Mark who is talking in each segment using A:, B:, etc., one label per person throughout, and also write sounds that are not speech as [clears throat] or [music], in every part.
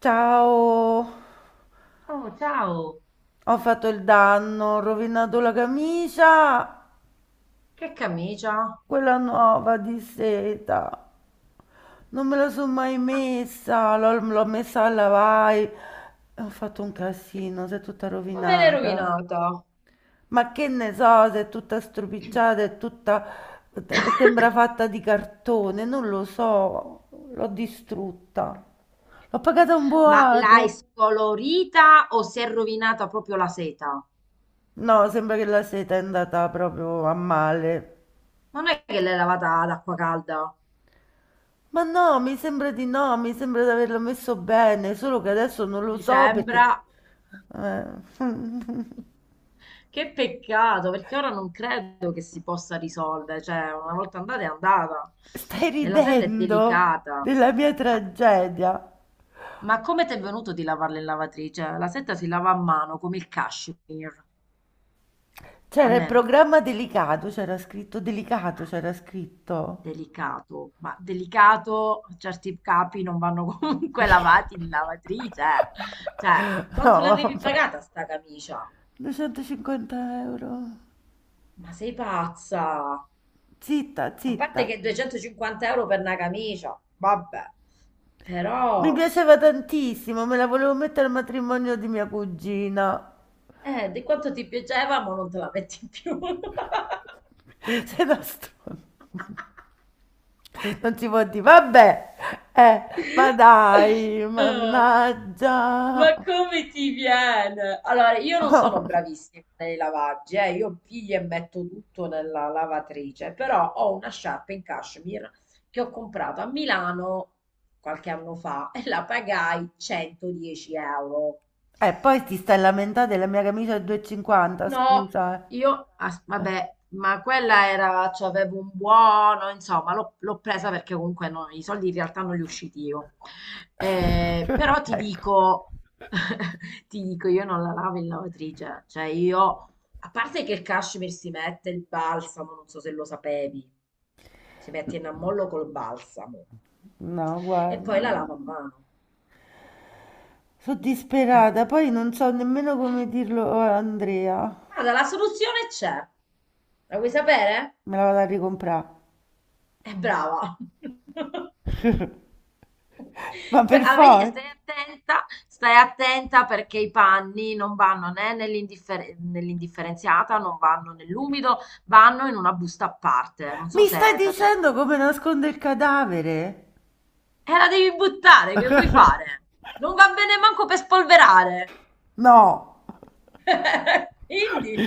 A: Ciao,
B: Oh, ciao!
A: ho fatto il danno, ho rovinato la camicia,
B: Che camicia?
A: quella nuova di seta. Non me la sono mai
B: Ma
A: messa, l'ho messa a lavare. Ho fatto un casino, si è tutta
B: come l'hai
A: rovinata.
B: rovinata?
A: Ma che ne so, se è tutta stropicciata, è tutta sembra fatta di cartone, non lo so, l'ho distrutta. L'ho pagata un
B: Ma l'hai
A: boato.
B: scolorita o si è rovinata proprio la seta?
A: No, sembra che la seta è andata proprio a male.
B: Non è che l'hai lavata ad acqua calda?
A: Ma no, mi sembra di no, mi sembra di averlo messo bene, solo che adesso non lo
B: Mi
A: so
B: sembra.
A: perché. Eh, [laughs]
B: Che peccato, perché ora non credo che si possa risolvere. Cioè, una volta andata è andata.
A: stai
B: E la seta è
A: ridendo
B: delicata.
A: della mia
B: Ma,
A: tragedia.
B: ma come ti è venuto di lavarla in lavatrice? La seta si lava a mano, come il cashmere,
A: C'era il
B: almeno.
A: programma delicato, c'era scritto delicato, c'era scritto.
B: Delicato, ma delicato, certi capi non vanno [laughs] comunque lavati in lavatrice. Eh. Cioè, quanto
A: No,
B: l'avevi
A: vabbè.
B: pagata sta camicia?
A: 250 euro.
B: Ma sei pazza!
A: Zitta,
B: A parte
A: zitta.
B: che 250 euro per una camicia, vabbè,
A: Mi
B: però,
A: piaceva tantissimo, me la volevo mettere al matrimonio di mia cugina.
B: di quanto ti piaceva, ma non te la metti più. [laughs]
A: [laughs] Sei da stronzo. [laughs] Non si può dire, vabbè, ma
B: [laughs]
A: dai,
B: Ah, ma
A: mannaggia.
B: come ti viene? Allora, io non sono
A: [laughs]
B: bravissima nei lavaggi, io piglio e metto tutto nella lavatrice, però ho una sciarpa in cashmere che ho comprato a Milano qualche anno fa e la pagai 110 euro.
A: E poi ti stai lamentando della mia camicia a 2,50,
B: No,
A: scusa.
B: io,
A: Eh.
B: vabbè, ma quella era, cioè avevo un buono, insomma, l'ho presa perché comunque no, i soldi in realtà non li ho usciti io. Però ti
A: Ecco,
B: dico, [laughs] ti dico, io non la lavo in lavatrice, cioè io, a parte che il cashmere si mette il balsamo, non so se lo sapevi, si mette in ammollo col balsamo
A: no,
B: e poi la
A: guarda.
B: lavo a mano.
A: Sono
B: Cioè,
A: disperata, poi non so nemmeno come dirlo a Andrea.
B: guarda, la soluzione c'è. La vuoi sapere?
A: Me la vado a ricomprare.
B: È brava.
A: Ma per
B: Ah, vedi,
A: forza.
B: stai attenta perché i panni non vanno né nell'indifferenziata, non vanno nell'umido, vanno in una busta a parte. Non so
A: Mi
B: se
A: stai
B: è da te.
A: dicendo come
B: Funziona.
A: nasconde il cadavere?
B: E la devi buttare, che vuoi
A: [laughs]
B: fare? Non va bene manco per spolverare.
A: No.
B: [laughs] Quindi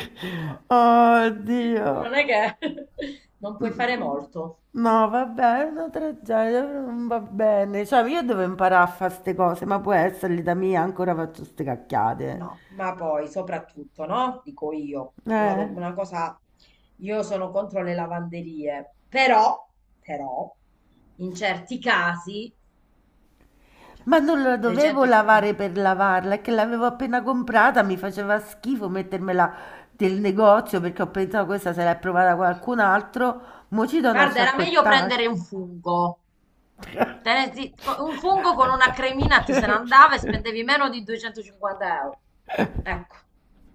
A: Oddio.
B: non è che [laughs] non puoi fare
A: Mhmm,
B: molto.
A: no vabbè, è una tragedia, però non va bene. Cioè, io devo imparare a fa' 'ste cose, ma può essere l'età mia, ancora faccio 'ste cacchiate.
B: No, ma poi soprattutto, no? Dico io, una,
A: Eh.
B: una cosa, io sono contro le lavanderie, però, in certi casi, cioè,
A: Ma non la dovevo
B: 250,
A: lavare per lavarla, è che l'avevo appena comprata, mi faceva schifo mettermela del negozio perché ho pensato questa se l'è provata qualcun altro, mo ci do una
B: guarda, era meglio
A: sciacquettata.
B: prendere un fungo. Te ne zi- co- Un fungo con una cremina te se ne andava e
A: [laughs]
B: spendevi meno di 250 euro. Ecco.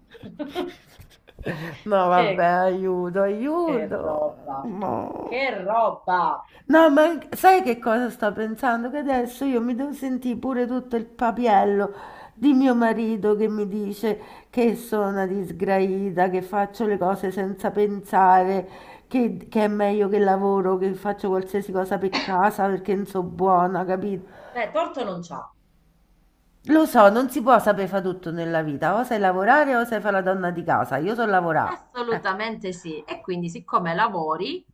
B: [laughs]
A: No vabbè,
B: Che,
A: aiuto,
B: che
A: aiuto.
B: roba,
A: No.
B: che roba.
A: No, ma sai che cosa sto pensando? Che adesso io mi devo sentire pure tutto il papiello di mio marito che mi dice che sono una disgraida, che faccio le cose senza pensare, che è meglio che lavoro, che faccio qualsiasi cosa per casa perché non so buona, capito?
B: Beh, torto non c'ha.
A: Lo so, non si può sapere fare tutto nella vita, o sai lavorare o sai fare la donna di casa. Io so lavorare. Eh.
B: Assolutamente sì. E quindi, siccome lavori,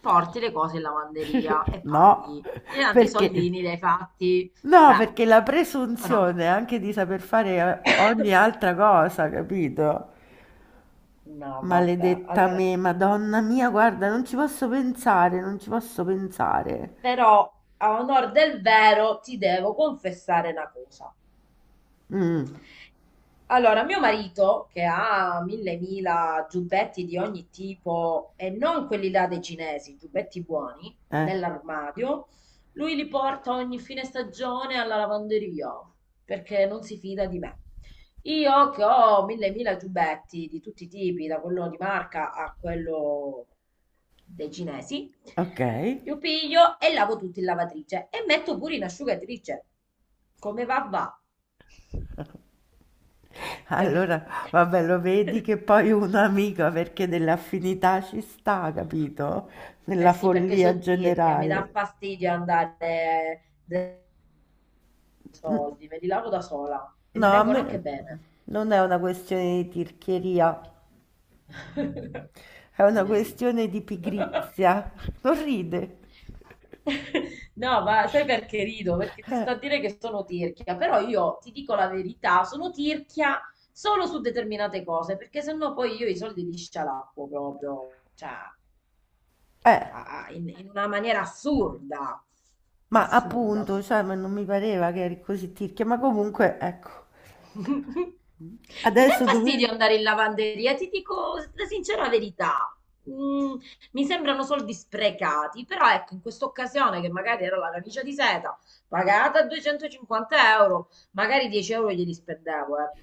B: porti le cose in lavanderia
A: [laughs]
B: e
A: No,
B: paghi. E tanti
A: perché?
B: soldini li hai fatti.
A: No,
B: Cioè,
A: perché la
B: o no?
A: presunzione anche di saper fare ogni altra cosa, capito?
B: No, vabbè.
A: Maledetta
B: Allora,
A: me, Madonna mia, guarda, non ci posso pensare, non ci posso pensare.
B: però a onor del vero ti devo confessare una cosa.
A: Mm,
B: Allora, mio marito, che ha mille mila giubbetti di ogni tipo, e non quelli là dei cinesi, giubbetti buoni,
A: eh,
B: nell'armadio, lui li porta ogni fine stagione alla lavanderia, perché non si fida di me. Io che ho mille mila giubbetti di tutti i tipi, da quello di marca a quello dei cinesi,
A: ok.
B: io piglio e lavo tutti in lavatrice e metto pure in asciugatrice. Come va va? Per-
A: Allora, vabbè, lo vedi che poi un'amica perché dell'affinità ci sta, capito?
B: Eh
A: Nella
B: sì, perché
A: follia
B: sottirchia, mi dà
A: generale.
B: fastidio andare dai soldi, me li lavo da sola e
A: No,
B: mi
A: a
B: vengono
A: me
B: anche bene.
A: non è una questione di tirchieria,
B: [laughs]
A: è
B: La
A: una
B: mia sì.
A: questione di
B: [laughs]
A: pigrizia. [laughs] Non ride.
B: No, ma sai perché rido? Perché ti
A: Eh,
B: sto a dire che sono tirchia, però io ti dico la verità, sono tirchia solo su determinate cose, perché sennò poi io i soldi li scialappo proprio, cioè,
A: eh,
B: in una maniera assurda,
A: ma
B: assurda.
A: appunto, cioè, ma non mi pareva che eri così tirchia, ma comunque, ecco,
B: [laughs] Mi dà
A: adesso
B: fastidio
A: dove
B: andare in lavanderia, ti dico la sincera verità. Mm, mi sembrano soldi sprecati, però ecco, in questa occasione che magari era la camicia di seta pagata 250 euro, magari 10 euro glieli spendevo, ecco,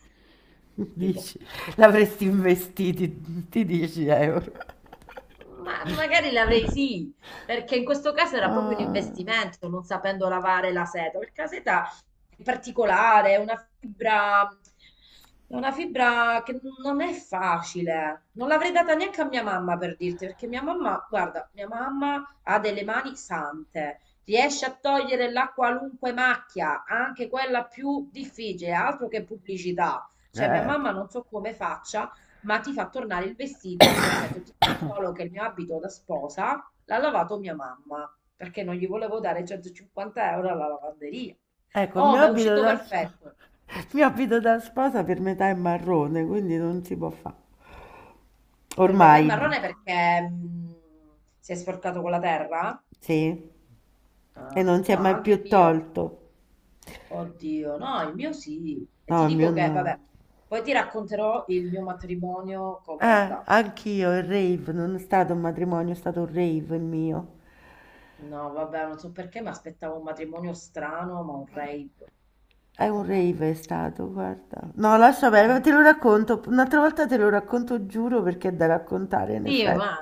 B: tipo.
A: dici, l'avresti investiti, ti 10 euro.
B: Ma magari l'avrei
A: [laughs]
B: sì, perché in questo caso era proprio un
A: Ah,
B: investimento, non sapendo lavare la seta, perché la seta è particolare, è una fibra che non è facile. Non l'avrei data neanche a mia mamma per dirti, perché mia mamma, guarda, mia mamma ha delle mani sante. Riesce a togliere la qualunque macchia, anche quella più difficile, altro che pubblicità. Cioè, mia
A: eh,
B: mamma non so come faccia, ma ti fa tornare il vestito perfetto. Ti dico solo che il mio abito da sposa l'ha lavato mia mamma, perché non gli volevo dare 150 euro alla lavanderia.
A: ecco, il
B: Oh,
A: mio
B: ma è
A: abito
B: uscito
A: da,
B: perfetto.
A: il mio abito da sposa per metà è marrone, quindi non si può fare.
B: Per metà
A: Ormai,
B: è marrone perché si è sporcato con la terra?
A: sì, e
B: Ah,
A: non si
B: no,
A: è mai
B: anche il
A: più
B: mio.
A: tolto.
B: Oddio, no, il mio sì. E
A: No,
B: ti
A: il mio
B: dico che,
A: no.
B: vabbè, poi ti racconterò il mio matrimonio come è andato.
A: Anch'io, il rave, non è stato un matrimonio, è stato un rave il mio.
B: No, vabbè, non so perché mi aspettavo un matrimonio strano, ma un rave.
A: È
B: No,
A: un
B: vabbè.
A: rave, è stato, guarda. No, lascia perdere, ma te lo racconto, un'altra volta te lo racconto, giuro, perché è da raccontare, in
B: Sì, ma
A: effetti.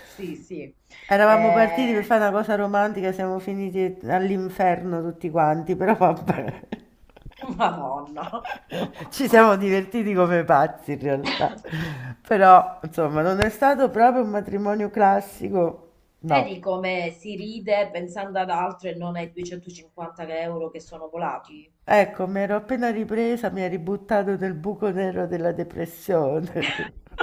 B: sì, sì.
A: Eravamo partiti per
B: Eh,
A: fare una cosa romantica, siamo finiti all'inferno tutti quanti, però vabbè.
B: [laughs] Madonna. [laughs]
A: [laughs] Ci siamo divertiti come pazzi in realtà. Però, insomma, non è stato proprio un matrimonio classico, no.
B: Vedi come si ride pensando ad altro e non ai 250 euro che sono volati?
A: Ecco, mi ero appena ripresa, mi ha ributtato nel buco nero della depressione.
B: [laughs]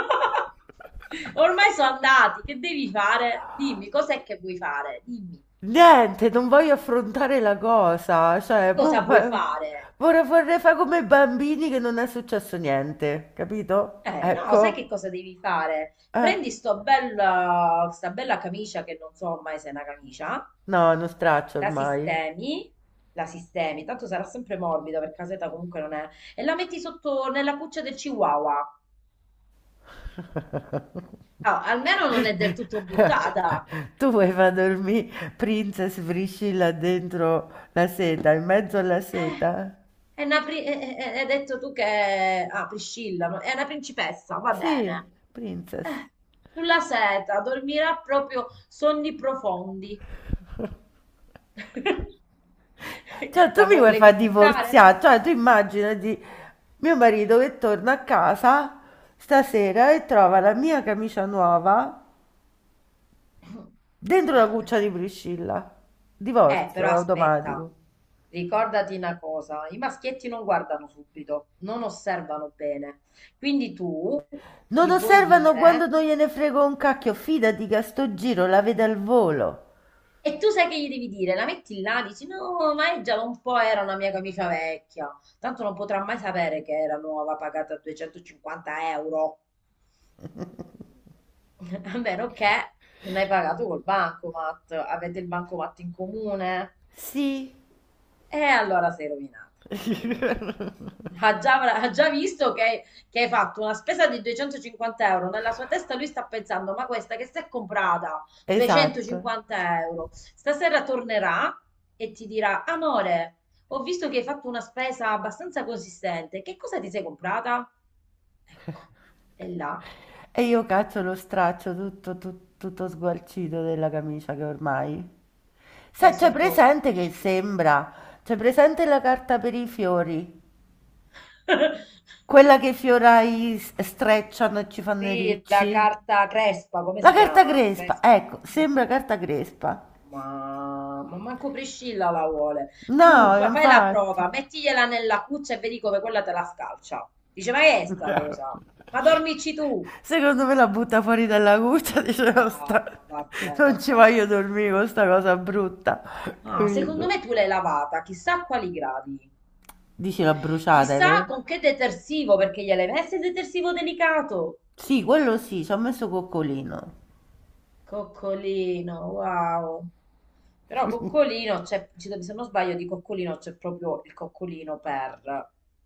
B: Ormai sono andati, che devi fare? Dimmi, cos'è che vuoi fare? Dimmi.
A: [laughs] Niente, non voglio affrontare la cosa,
B: Che
A: cioè, boh,
B: cosa vuoi fare?
A: vorrei, vorrei fare come i bambini che non è successo niente, capito?
B: No, sai che
A: Ecco,
B: cosa devi fare?
A: eh,
B: Prendi sto bella, sta bella camicia che non so ormai se è una camicia.
A: no, non straccio
B: La
A: ormai.
B: sistemi, la sistemi, tanto sarà sempre morbida perché caseta comunque non è, e la metti sotto nella cuccia del chihuahua. Ah, almeno non è del tutto
A: [laughs]
B: buttata.
A: Tu vuoi far dormire Princess Priscilla dentro la seta, in mezzo alla
B: Eh,
A: seta?
B: hai detto tu che. Ah, Priscilla, no? È una principessa, va
A: Sì,
B: bene.
A: Princess.
B: Eh, sulla seta, dormirà proprio sonni profondi. [laughs]
A: Cioè, tu
B: La
A: mi vuoi far
B: volevi buttare?
A: divorziare? Cioè, tu immaginati mio marito che torna a casa stasera e trova la mia camicia nuova dentro la cuccia di
B: [laughs]
A: Priscilla. Divorzio
B: Però aspetta,
A: automatico.
B: ricordati una cosa, i maschietti non guardano subito, non osservano bene. Quindi tu
A: Non
B: gli puoi
A: osservano quando
B: dire,
A: non gliene frego un cacchio, fidati che a sto giro la vede al volo.
B: e tu sai che gli devi dire, la metti là, dici no, ma è già da un po' era una mia camicia vecchia, tanto non potrà mai sapere che era nuova, pagata 250 euro, [laughs] a meno che non hai pagato col bancomat, avete il bancomat in comune,
A: Sì,
B: e allora sei rovinata. Ha già visto che hai fatto una spesa di 250 euro. Nella sua testa lui sta pensando: ma questa che si è comprata
A: esatto.
B: 250 euro, stasera tornerà e ti dirà: amore, ho visto che hai fatto una spesa abbastanza consistente. Che cosa ti sei comprata? Ecco, è là
A: E io caccio lo straccio tutto, tutto, tutto sgualcito della camicia che ormai.
B: che è
A: Sai, c'è
B: sotto il
A: presente che
B: piscino.
A: sembra. C'è presente la carta per i fiori?
B: [laughs]
A: Quella che i fiorai strecciano e ci fanno i
B: Sì, la
A: ricci.
B: carta crespa, come
A: La
B: si
A: carta
B: chiama?
A: crespa,
B: Crespa.
A: ecco,
B: Mm.
A: sembra carta crespa.
B: Ma manco Priscilla la vuole. Tu
A: No,
B: fai la
A: infatti.
B: prova,
A: [laughs]
B: mettigliela nella cuccia e vedi come quella te la scalcia. Dice, ma che è sta
A: Bravo.
B: cosa? Ma dormici tu.
A: Secondo me la butta fuori dalla cuccia, [laughs] dice,
B: No,
A: "No,
B: ma vabbè,
A: non ci
B: vabbè,
A: voglio
B: no.
A: dormire con sta cosa brutta." [laughs]
B: Ah, secondo me
A: Capito?
B: tu l'hai lavata, chissà a quali gradi.
A: Dici l'ha bruciata, è
B: Chissà
A: vero?
B: con che detersivo, perché gliel'hai messo il detersivo delicato.
A: Sì, quello sì, ci ho messo coccolino.
B: Coccolino, wow. Però
A: [laughs]
B: Coccolino, se non sbaglio, di Coccolino c'è proprio il Coccolino per.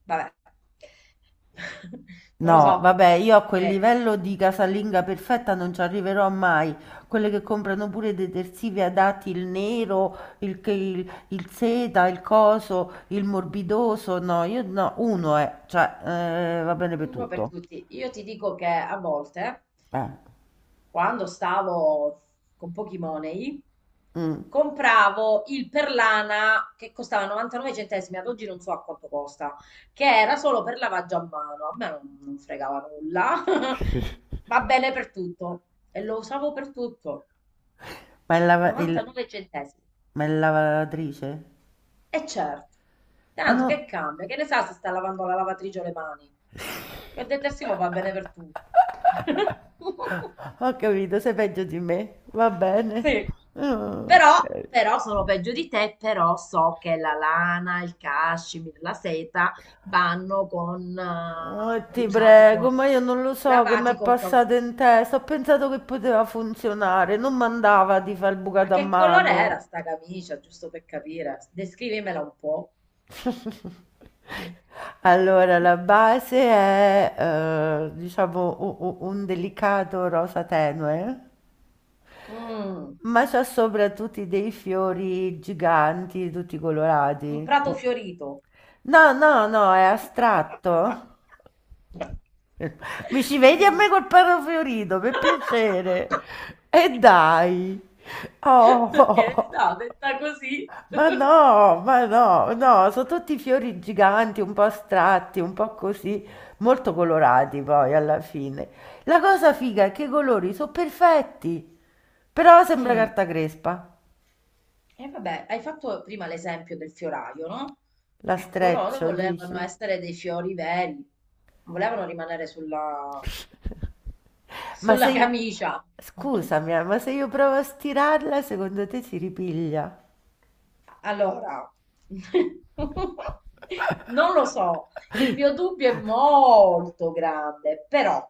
B: Vabbè, [laughs] non lo
A: No,
B: so.
A: vabbè, io a quel
B: Eh,
A: livello di casalinga perfetta non ci arriverò mai. Quelle che comprano pure i detersivi adatti, il nero, il, il seta, il coso, il morbidoso. No, io no, uno è, cioè, va bene per
B: uno per
A: tutto.
B: tutti. Io ti dico che a volte
A: Eh,
B: quando stavo con pochi money,
A: mm.
B: compravo il Perlana che costava 99 centesimi, ad oggi non so a quanto costa, che era solo per lavaggio a mano, a me non fregava nulla, [laughs] va bene per tutto e lo usavo per tutto,
A: Ma è
B: 99 centesimi.
A: ma è lavatrice?
B: E certo,
A: Ma
B: tanto
A: no.
B: che cambia, che ne sa se sta lavando la lavatrice o le mani.
A: [laughs]
B: Il detersivo va bene per tutto. [laughs]
A: Ho capito, sei peggio di me. Va bene.
B: Sì. Però
A: Ok.
B: però sono peggio di te, però so che la lana, il cashmere, la seta vanno con,
A: Oh, ti
B: usati
A: prego,
B: con,
A: ma io non lo so che mi
B: lavati
A: è
B: con cautela.
A: passato in testa. Ho pensato che poteva funzionare, non mandava di far il
B: Ma
A: bucato a
B: che colore era
A: mano.
B: sta camicia, giusto per capire? Descrivimela un po'.
A: [laughs] Allora,
B: [clears throat]
A: la base è, diciamo, un delicato rosa tenue,
B: Mm,
A: ma c'ha sopra tutti dei fiori giganti, tutti
B: un
A: colorati.
B: prato
A: No,
B: fiorito.
A: no, no, è astratto.
B: [laughs]
A: Mi ci vedi a
B: Mm.
A: me col perro fiorito, per piacere.
B: [laughs]
A: E dai.
B: Che ne
A: Oh,
B: so, detta così.
A: ma no, no, sono tutti fiori giganti, un po' astratti, un po' così, molto colorati poi alla fine. La cosa figa è che i colori sono perfetti, però sembra
B: Mm.
A: carta crespa.
B: E vabbè, hai fatto prima l'esempio del fioraio, no?
A: La
B: Ecco, loro
A: streccio,
B: volevano
A: dici?
B: essere dei fiori veri, non volevano rimanere sulla,
A: Ma se
B: sulla
A: io.
B: camicia. [laughs]
A: Scusami, ma se io provo a stirarla, secondo te si ripiglia?
B: Allora, [laughs] non lo so, il mio dubbio è
A: [laughs]
B: molto grande, però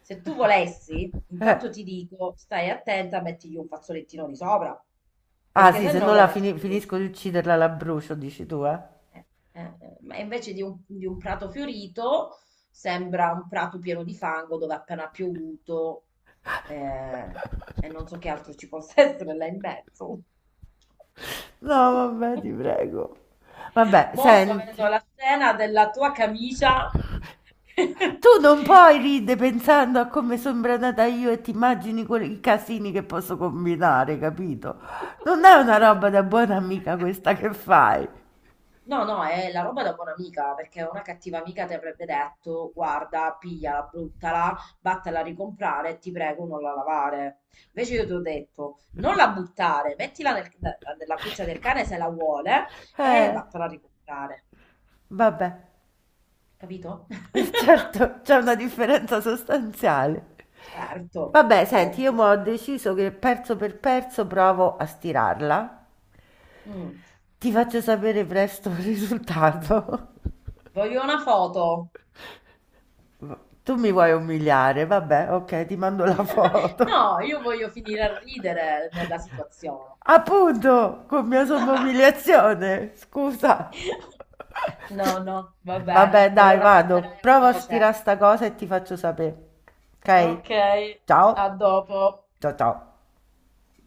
B: se tu volessi,
A: Eh,
B: intanto ti dico, stai attenta, mettigli un fazzolettino di sopra,
A: ah
B: perché
A: sì, se
B: sennò
A: no la
B: quella si brucia.
A: finisco di ucciderla, la brucio, dici tu, eh?
B: Eh, Ma invece di un, prato fiorito, sembra un prato pieno di fango dove ha appena piovuto, eh, e non so che altro ci possa [laughs] essere là in mezzo.
A: No,
B: [laughs]
A: vabbè, ti prego. Vabbè,
B: Mo' sto
A: senti,
B: avendo la scena della tua camicia.
A: tu non puoi ridere pensando a come sono branata io e ti immagini i casini che posso combinare, capito? Non è una roba da buona amica questa che fai.
B: No, no, è la roba da buona amica, perché una cattiva amica ti avrebbe detto, guarda, pigliala, bruttala, vattela a ricomprare e ti prego non la lavare. Invece io ti ho detto, non la buttare, mettila nella cuccia del cane se la vuole e
A: Eh,
B: vattela a ricomprare.
A: vabbè,
B: Capito? [laughs]
A: [laughs] certo, c'è una differenza sostanziale.
B: Certo,
A: Vabbè, senti, io
B: ovvio.
A: mo ho deciso che perso per perso provo a stirarla.
B: Mm.
A: Ti faccio sapere presto il risultato.
B: Voglio una foto.
A: Tu mi vuoi umiliare? Vabbè, ok, ti mando la foto.
B: [laughs] No, io voglio finire a ridere nella situazione.
A: Appunto, con mia somma umiliazione, scusa.
B: [laughs] No, no, va bene,
A: Vabbè,
B: me lo
A: dai, vado.
B: racconterai a
A: Prova a
B: voce.
A: stirare sta cosa e ti faccio sapere. Ok?
B: Ok, a
A: Ciao.
B: dopo.
A: Ciao ciao.